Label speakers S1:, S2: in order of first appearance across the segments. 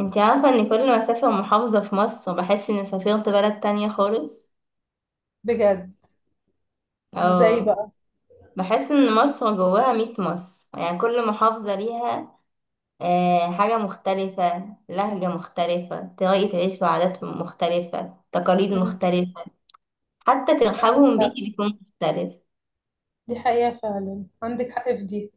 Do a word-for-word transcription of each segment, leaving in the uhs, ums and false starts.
S1: انت عارفة ان كل ما اسافر محافظة في مصر بحس اني سافرت بلد تانية خالص.
S2: بجد. ازاي
S1: اه.
S2: بقى؟
S1: بحس ان مصر جواها ميت مصر، يعني كل محافظة ليها آه حاجة مختلفة، لهجة مختلفة، طريقة عيش وعادات مختلفة، تقاليد
S2: مم.
S1: مختلفة. حتى
S2: عندك
S1: ترحابهم
S2: حق.
S1: بيكي بيكون مختلف.
S2: دي حقيقة فعلا، عندك حق في دي.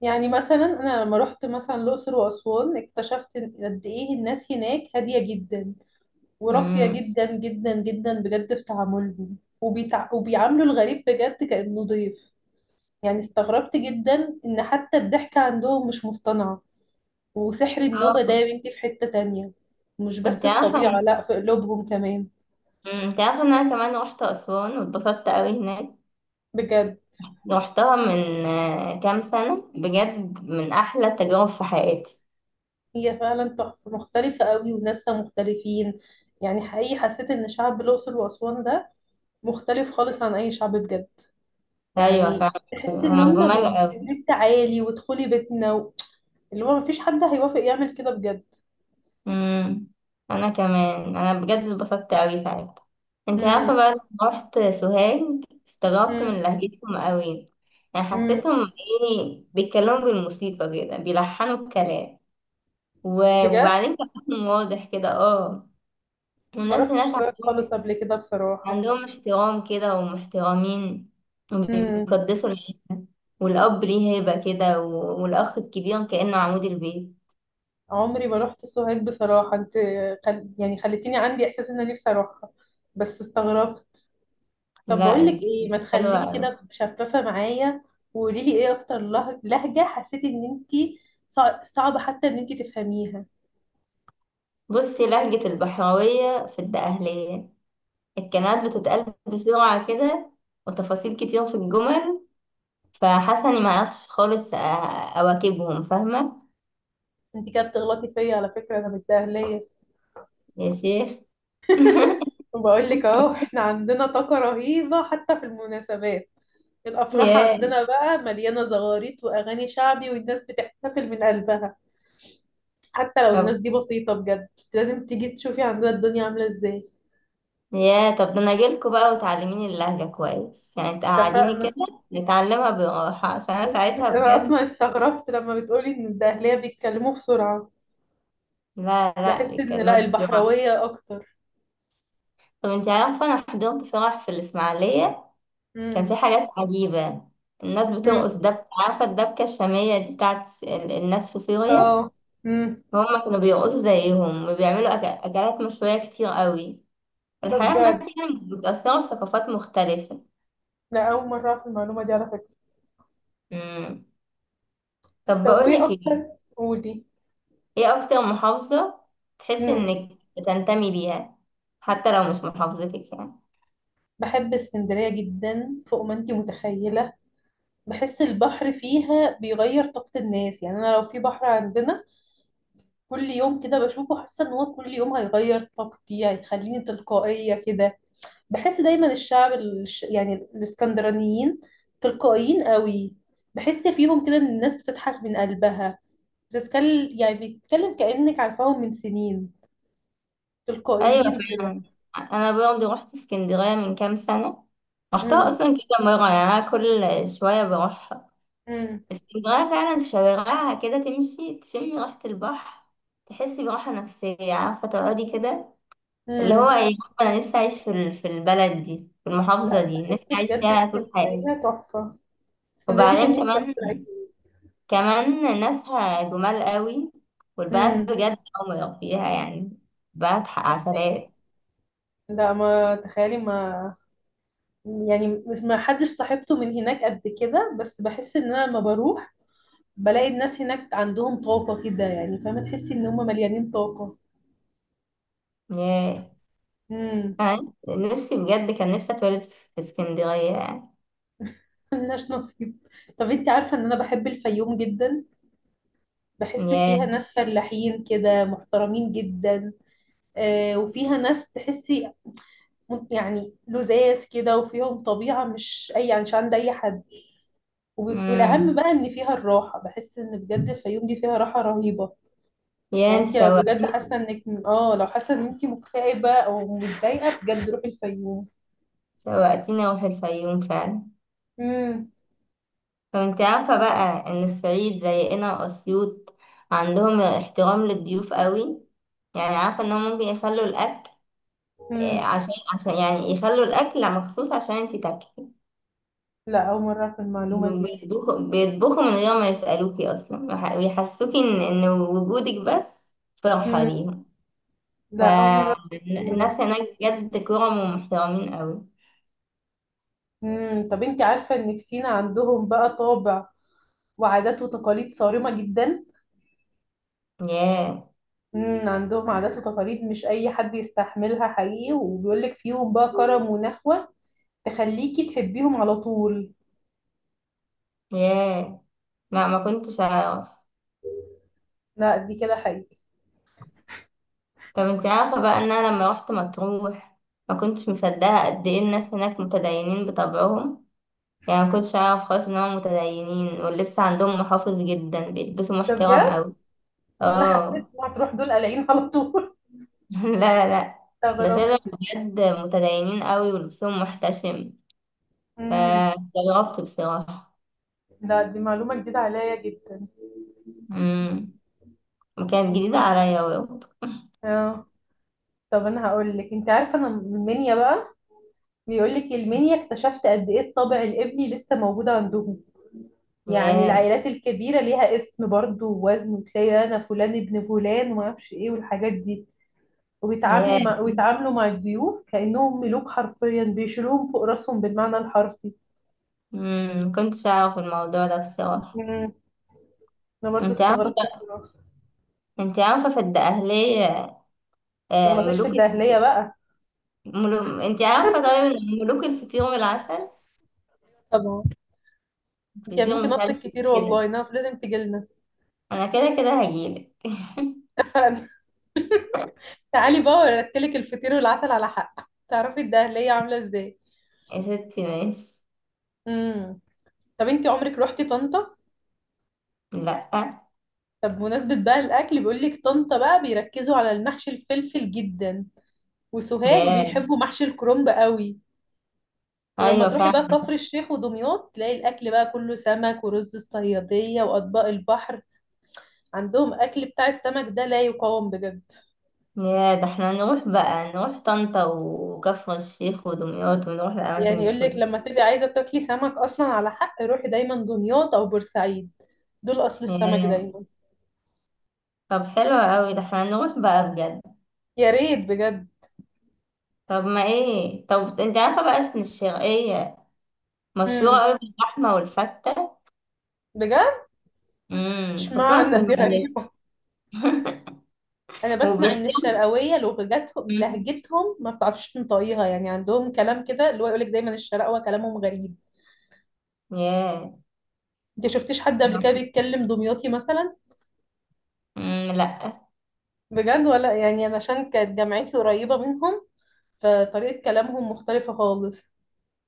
S2: يعني مثلا أنا لما رحت مثلا الأقصر وأسوان اكتشفت إن- قد إيه الناس هناك هادية جدا وراقية
S1: امم.
S2: جدا جدا جدا بجد في تعاملهم وبيتع... وبيعاملوا الغريب بجد كأنه ضيف. يعني استغربت جدا ان حتى الضحكة عندهم مش مصطنعة. وسحر النوبة ده
S1: اه.
S2: يا بنتي في حتة تانية. مش بس
S1: انت عارفة
S2: الطبيعة،
S1: ان-
S2: لا، في قلوبهم كمان.
S1: مم، انت عارفة ان انا كمان رحت اسوان واتبسطت قوي هناك.
S2: بجد.
S1: رحتها من آه، كام سنة، بجد من احلى التجارب في حياتي.
S2: هي فعلا تحفة مختلفة قوي وناسها مختلفين. يعني حقيقي حسيت ان شعب الأقصر وأسوان ده مختلف خالص عن أي شعب بجد.
S1: ايوه
S2: يعني
S1: فعلا.
S2: تحسي ان
S1: هما
S2: هما
S1: جمال
S2: بيقولك
S1: قوي.
S2: تعالي وادخلي بيتنا و... اللي هو مفيش حد هيوافق يعمل كده بجد.
S1: امم. انا كمان انا بجد اتبسطت قوي ساعتها. انت
S2: امم.
S1: عارفه بقى لما رحت سوهاج، استغربت من لهجتهم قوي. يعني
S2: امم.
S1: حسيتهم ايه، بيتكلموا بالموسيقى كده، بيلحنوا الكلام. و-
S2: بجد.
S1: وبعدين كلامهم واضح كده، اه.
S2: ما
S1: والناس
S2: رحتش
S1: هناك
S2: سوهاج خالص
S1: عندهم
S2: قبل كده بصراحة.
S1: عندهم احترام كده ومحترمين.
S2: مم.
S1: وبيقدسوا الح- والاب ليه هيبه كده و- والاخ الكبير كانه عمود البيت.
S2: عمري ما رحت سوهاج بصراحة انت. خل... يعني خليتيني عندي احساس ان انا نفسي اروحها. بس استغربت. طب بقول لك
S1: لا،
S2: ايه، ما تخليكي
S1: حلوه.
S2: كده شفافة معايا. وقولي لي ايه اكتر له- لهجة حسيتي ان انت صع... صعبة حتى ان انت تفهميها.
S1: بصي، لهجة البحراوية في الدقهلية، الكلمات بتتقال بسرعة كده، وتفاصيل كتير في الجمل، فحاسة إني معرفتش خالص أ- أواكبهم، فاهمة؟
S2: انت كده بتغلطي فيا على فكرة، انا مش دهلية.
S1: يا شيخ.
S2: وبقول لك اهو، احنا عندنا طاقة رهيبة حتى في المناسبات. الافراح
S1: ياه
S2: عندنا بقى مليانة زغاريت واغاني شعبي، والناس بتحتفل من قلبها. حتى لو الناس
S1: طب
S2: دي بسيطة، بجد لازم تيجي تشوفي عندنا الدنيا عاملة ازاي.
S1: ياه طب ده أنا أجيلكوا بقى وتعلميني اللهجة كويس، يعني تقعديني كده
S2: اتفقنا.
S1: نتعلمها براحة، عشان أنا ساعتها
S2: انا
S1: بجد.
S2: اصلا استغربت لما بتقولي ان الدهلية بيتكلموا بسرعة.
S1: لا لا،
S2: بحس ان
S1: بيتكلموا
S2: لا،
S1: بسرعة.
S2: البحراوية اكتر.
S1: طب انتي عارفة، أنا حضرت فرح في الإسماعيلية، كان
S2: امم.
S1: في حاجات عجيبة. الناس
S2: امم.
S1: بترقص دبكة، عارفة الدبكة الشامية دي بتاعت ال- الناس في سوريا.
S2: اه. امم.
S1: هما كانوا بيرقصوا زيهم، وبيعملوا أك- أكلات مشوية كتير قوي.
S2: ده
S1: الحياة هناك
S2: بجد.
S1: يعني متأثرة بثقافات مختلفة.
S2: لا، اول مرة اعرف المعلومة دي على فكرة.
S1: مم. طب
S2: طب وايه
S1: بقولك
S2: اكتر؟
S1: ايه،
S2: قولي.
S1: ايه أكتر محافظة تحس
S2: امم.
S1: إنك بتنتمي ليها، حتى لو مش محافظتك يعني؟
S2: بحب اسكندرية جدا، فوق ما انتي متخيلة. بحس البحر فيها بيغير طاقة الناس. يعني انا لو في بحر عندنا كل يوم كده بشوفه، حاسه ان هو كل يوم هيغير طاقتي، هيخليني تلقائيه كده. بحس دايما الشعب الش... يعني الاسكندرانيين تلقائيين قوي. بحس فيهم كده ان الناس بتضحك من قلبها. بتتكلم، يعني بتتكلم كأنك عارفاهم من سنين،
S1: أيوة
S2: تلقائيين كده.
S1: فعلا. أنا برضه رحت اسكندرية من كام سنة، رحتها
S2: امم.
S1: أصلا كده مرة، يعني أنا كل شوية بروح.
S2: امم.
S1: اسكندرية فعلا شوارعها كده تمشي تشمي ريحة البحر، تحسي براحة نفسية، عارفة تقعدي كده. اللي هو
S2: امم.
S1: ايه، أنا نفسي أعيش في ال- في البلد دي، في المحافظة
S2: لا
S1: دي نفسي
S2: بحس
S1: أعيش
S2: بجد
S1: فيها طول حياتي.
S2: اسكندريه تحفه. اسكندريه دي
S1: وبعدين
S2: كان نفسي اروح
S1: كمان
S2: العيد.
S1: كمان ناسها جمال قوي. والبنات
S2: امم.
S1: بجد عمر فيها يعني، بنات ح- عسلات.
S2: لا ما تخيلي. ما يعني مش ما حدش صاحبته من هناك قد كده، بس بحس ان انا لما بروح بلاقي الناس هناك عندهم طاقة كده، يعني فاهمة، تحسي ان هم مليانين طاقة.
S1: ياه.
S2: امم.
S1: أنا نفسي بجد، كان نفسي أتولد في اسكندرية يعني.
S2: ملناش نصيب. طب انت عارفة ان انا بحب الفيوم جدا. بحس فيها
S1: ياه.
S2: ناس فلاحين كده، محترمين جدا. آه وفيها ناس تحسي م- يعني لذاذ كده، وفيهم طبيعة مش اي يعني مش عند اي حد. وب- والاهم
S1: مم.
S2: بقى ان فيها الراحة. بحس ان بجد الفيوم دي فيها راحة رهيبة.
S1: ياه
S2: يعني
S1: انت
S2: انت لو بجد حاسه
S1: شوقتيني.
S2: انك اه لو حاسه ان انت مكتئبه او متضايقه بجد روحي الفيوم.
S1: شوقتيني أروح الفيوم فعلا.
S2: امم.
S1: طب انت عارفة بقى ان الصعيد زينا واسيوط، عندهم احترام للضيوف قوي، يعني عارفة انهم ممكن يخلوا الاكل، آه،
S2: امم.
S1: عشان عشان يعني يخلوا الاكل مخصوص عشان انت تاكلي.
S2: لا، اول مره في المعلومه دي.
S1: وبيطبخوا بيطبخوا من غير ما يسألوكي اصلا، وح- ويحسوكي ان ان وجودك بس فرحة
S2: امم.
S1: ليهم.
S2: لا، اول مره في الموضوع ده.
S1: فالناس هناك بجد كرم ومحترمين قوي.
S2: امم. طب انت عارفه ان في سينا عندهم بقى طابع وعادات وتقاليد صارمه جدا.
S1: ياه.
S2: امم. عندهم عادات وتقاليد مش اي حد يستحملها حقيقي، وبيقول لك فيهم بقى كرم ونخوه تخليكي تحبيهم على طول.
S1: ياه، ما ما كنتش اعرف.
S2: لا دي كده حقيقي.
S1: طب انت عارفة بقى ان انا لما روحت مطروح، ما كنتش مصدقة قد ايه الناس هناك متدينين بطبعهم. يعني ما كنتش اعرف خالص ان هم متدينين، واللبس عندهم محافظ جدا، بيلبسوا
S2: ده
S1: محترم
S2: بجد.
S1: قوي.
S2: انا حسيت
S1: اه.
S2: ان هتروح دول قلعين على طول.
S1: لا لا. ده
S2: استغرب.
S1: طلع بجد متدينين قوي ولبسهم محتشم،
S2: امم.
S1: فاستغربت بصراحة.
S2: لا دي معلومة جديدة عليا جدا.
S1: امم. وكانت جديدة
S2: جديد.
S1: عليا برضه.
S2: اه. طب انا هقول لك، انت عارفة انا من المنيا بقى. بيقول لك المنيا، اكتشفت قد ايه الطابع الابني لسه موجود عندهم. يعني
S1: ياه
S2: العائلات الكبيرة ليها اسم برضو ووزن. وتلاقي انا فلان ابن فلان وما اعرفش ايه والحاجات دي. وبيتعاملي
S1: ياه.
S2: مع ويتعاملوا مع الضيوف كأنهم ملوك حرفيا، بيشيلوهم فوق راسهم بالمعنى الحرفي.
S1: امم ما كنتش اعرف الموضوع ده بصراحة.
S2: مم. انا برضو
S1: انت عارفة
S2: استغربت بصراحة. ما
S1: انت عارفة في الدقهلية، آه،
S2: تغلطيش في
S1: ملوك.
S2: الدهلية بقى.
S1: ملو... انت عارفة طيب ان ملوك الفطير والعسل،
S2: طبعا. انت يا
S1: فطير
S2: بنتي
S1: مش عارف
S2: ناقصك
S1: إيه
S2: كتير
S1: كده.
S2: والله، ناقص لازم تجيلنا.
S1: انا كده كده هجيلك.
S2: تعالي بقى ورتلك الفطير والعسل على حق تعرفي الدهلية عاملة ازاي.
S1: يا ستي ماشي.
S2: امم. طب انتي عمرك روحتي طنطا؟
S1: لا.
S2: طب بمناسبة بقى الأكل، بيقولك طنطا بقى بيركزوا على المحشي الفلفل جدا، وسوهاج
S1: ياه.
S2: بيحبوا محشي الكرنب قوي. ولما
S1: ايوه
S2: تروحي بقى
S1: فعلا.
S2: كفر الشيخ ودمياط تلاقي الأكل بقى كله سمك ورز الصيادية وأطباق البحر. عندهم أكل بتاع السمك ده لا يقاوم بجد.
S1: ياه ده احنا نروح بقى، نروح طنطا وكفر الشيخ ودمياط، ونروح الاماكن
S2: يعني
S1: دي
S2: يقولك
S1: كلها.
S2: لما تبقي عايزة تاكلي سمك أصلا، على حق روحي دايما دمياط أو بورسعيد. دول أصل السمك
S1: ياه.
S2: دايما.
S1: طب حلو قوي، ده احنا نروح بقى بجد.
S2: يا ريت بجد.
S1: طب ما ايه طب انت عارفه بقى اسم الشرقيه، مشهوره
S2: امم.
S1: قوي باللحمه والفته.
S2: بجد.
S1: امم خصوصا في
S2: اشمعنى دي
S1: المقاييس.
S2: غريبة. انا بسمع ان
S1: وبيحكي.
S2: الشرقاوية لغتهم
S1: مم.
S2: لهجتهم ما بتعرفش تنطقيها. يعني عندهم كلام كده اللي هو يقولك دايما الشرقاوة كلامهم غريب.
S1: ياه.
S2: انت شفتيش حد قبل كده بيتكلم دمياطي مثلا؟
S1: مم، لا.
S2: بجد ولا؟ يعني انا عشان كانت جامعتي قريبة منهم فطريقة كلامهم مختلفة خالص.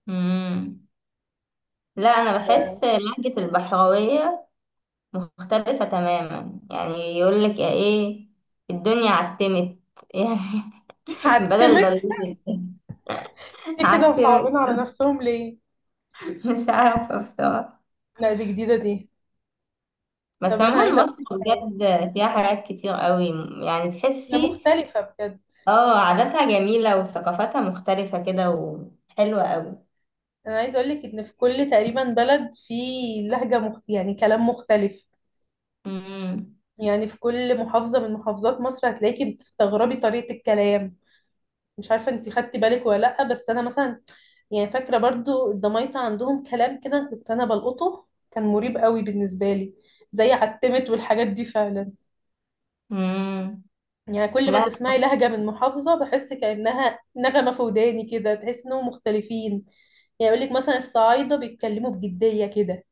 S1: مم. لا انا
S2: ده
S1: بحس لهجة البحراوية مختلفة تماما، يعني يقول لك ايه، الدنيا عتمت. يعني بدل
S2: هعتمك؟
S1: ضلمت،
S2: ليه كده مصعبين
S1: عتمت.
S2: على نفسهم؟ ليه؟
S1: مش عارفة بصراحة.
S2: لا دي جديدة دي.
S1: بس
S2: طب انا عايزة
S1: عموما مصر
S2: أعرف.
S1: بجد فيها حاجات كتير قوي، يعني
S2: هي
S1: تحسي
S2: مختلفة بجد.
S1: اه عاداتها جميلة وثقافتها مختلفة كده وحلوة قوي.
S2: انا عايزه اقول لك ان في كل تقريبا بلد في لهجه مخت... يعني كلام مختلف.
S1: مم.
S2: يعني في كل محافظه من محافظات مصر هتلاقيكي بتستغربي طريقه الكلام. مش عارفه انت خدتي بالك ولا لا، بس انا مثلا، يعني فاكره برضو الدمايطه عندهم كلام كده كنت انا بلقطه كان مريب قوي بالنسبه لي، زي عتمت والحاجات دي فعلا.
S1: مم.
S2: يعني كل ما
S1: لا.
S2: تسمعي لهجه من محافظه بحس كانها نغمه في وداني، كده تحس انهم مختلفين. يعني يقول لك مثلا الصعايده بيتكلموا بجديه كده.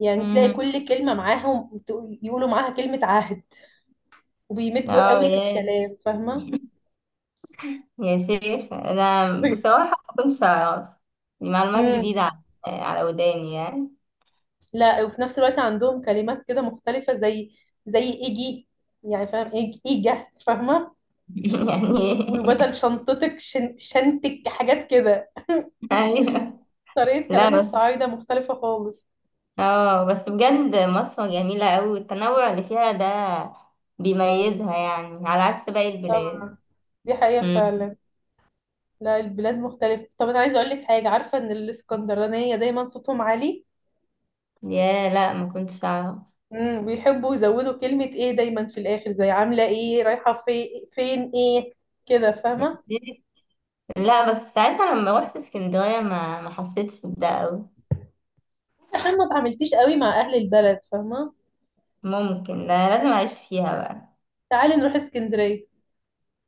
S2: يعني تلاقي
S1: مم.
S2: كل كلمة معاهم تقول- يقولوا معاها كلمة عهد. وبيمدوا قوي في
S1: اه.
S2: الكلام، فاهمة.
S1: يا شيخ، انا بصراحه ما كنتش اعرف، دي معلومات
S2: امم.
S1: جديده على على وداني يعني.
S2: لا، وفي نفس الوقت عندهم كلمات كده مختلفة، زي زي ايجي. يعني فاهم إيج- ايجا، فاهمة.
S1: يعني.
S2: وبدل شنطتك شن شنتك، حاجات كده.
S1: ايوه.
S2: طريقة
S1: لا
S2: كلام
S1: بس.
S2: الصعايدة مختلفة خالص.
S1: اه بس بجد مصر جميله قوي، والتنوع اللي فيها ده بيميزها، يعني على عكس باقي البلاد.
S2: طبعا. دي حقيقة
S1: مم.
S2: فعلا. لا البلاد مختلفة. طب أنا عايزة أقول لك حاجة، عارفة إن الإسكندرانية دايما صوتهم عالي.
S1: يا لا ما كنتش اعرف.
S2: امم. بيحبوا يزودوا كلمة ايه دايما في الآخر. زي عاملة ايه، رايحة في فين ايه كده، فاهمة.
S1: لا بس ساعتها لما روحت اسكندريه ما ما حسيتش بده قوي.
S2: عشان ما اتعاملتيش قوي مع أهل البلد، فاهمة.
S1: ممكن. لا لازم اعيش فيها بقى.
S2: تعالي نروح اسكندرية.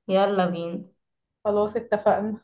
S1: يلا بينا.
S2: خلاص اتفقنا.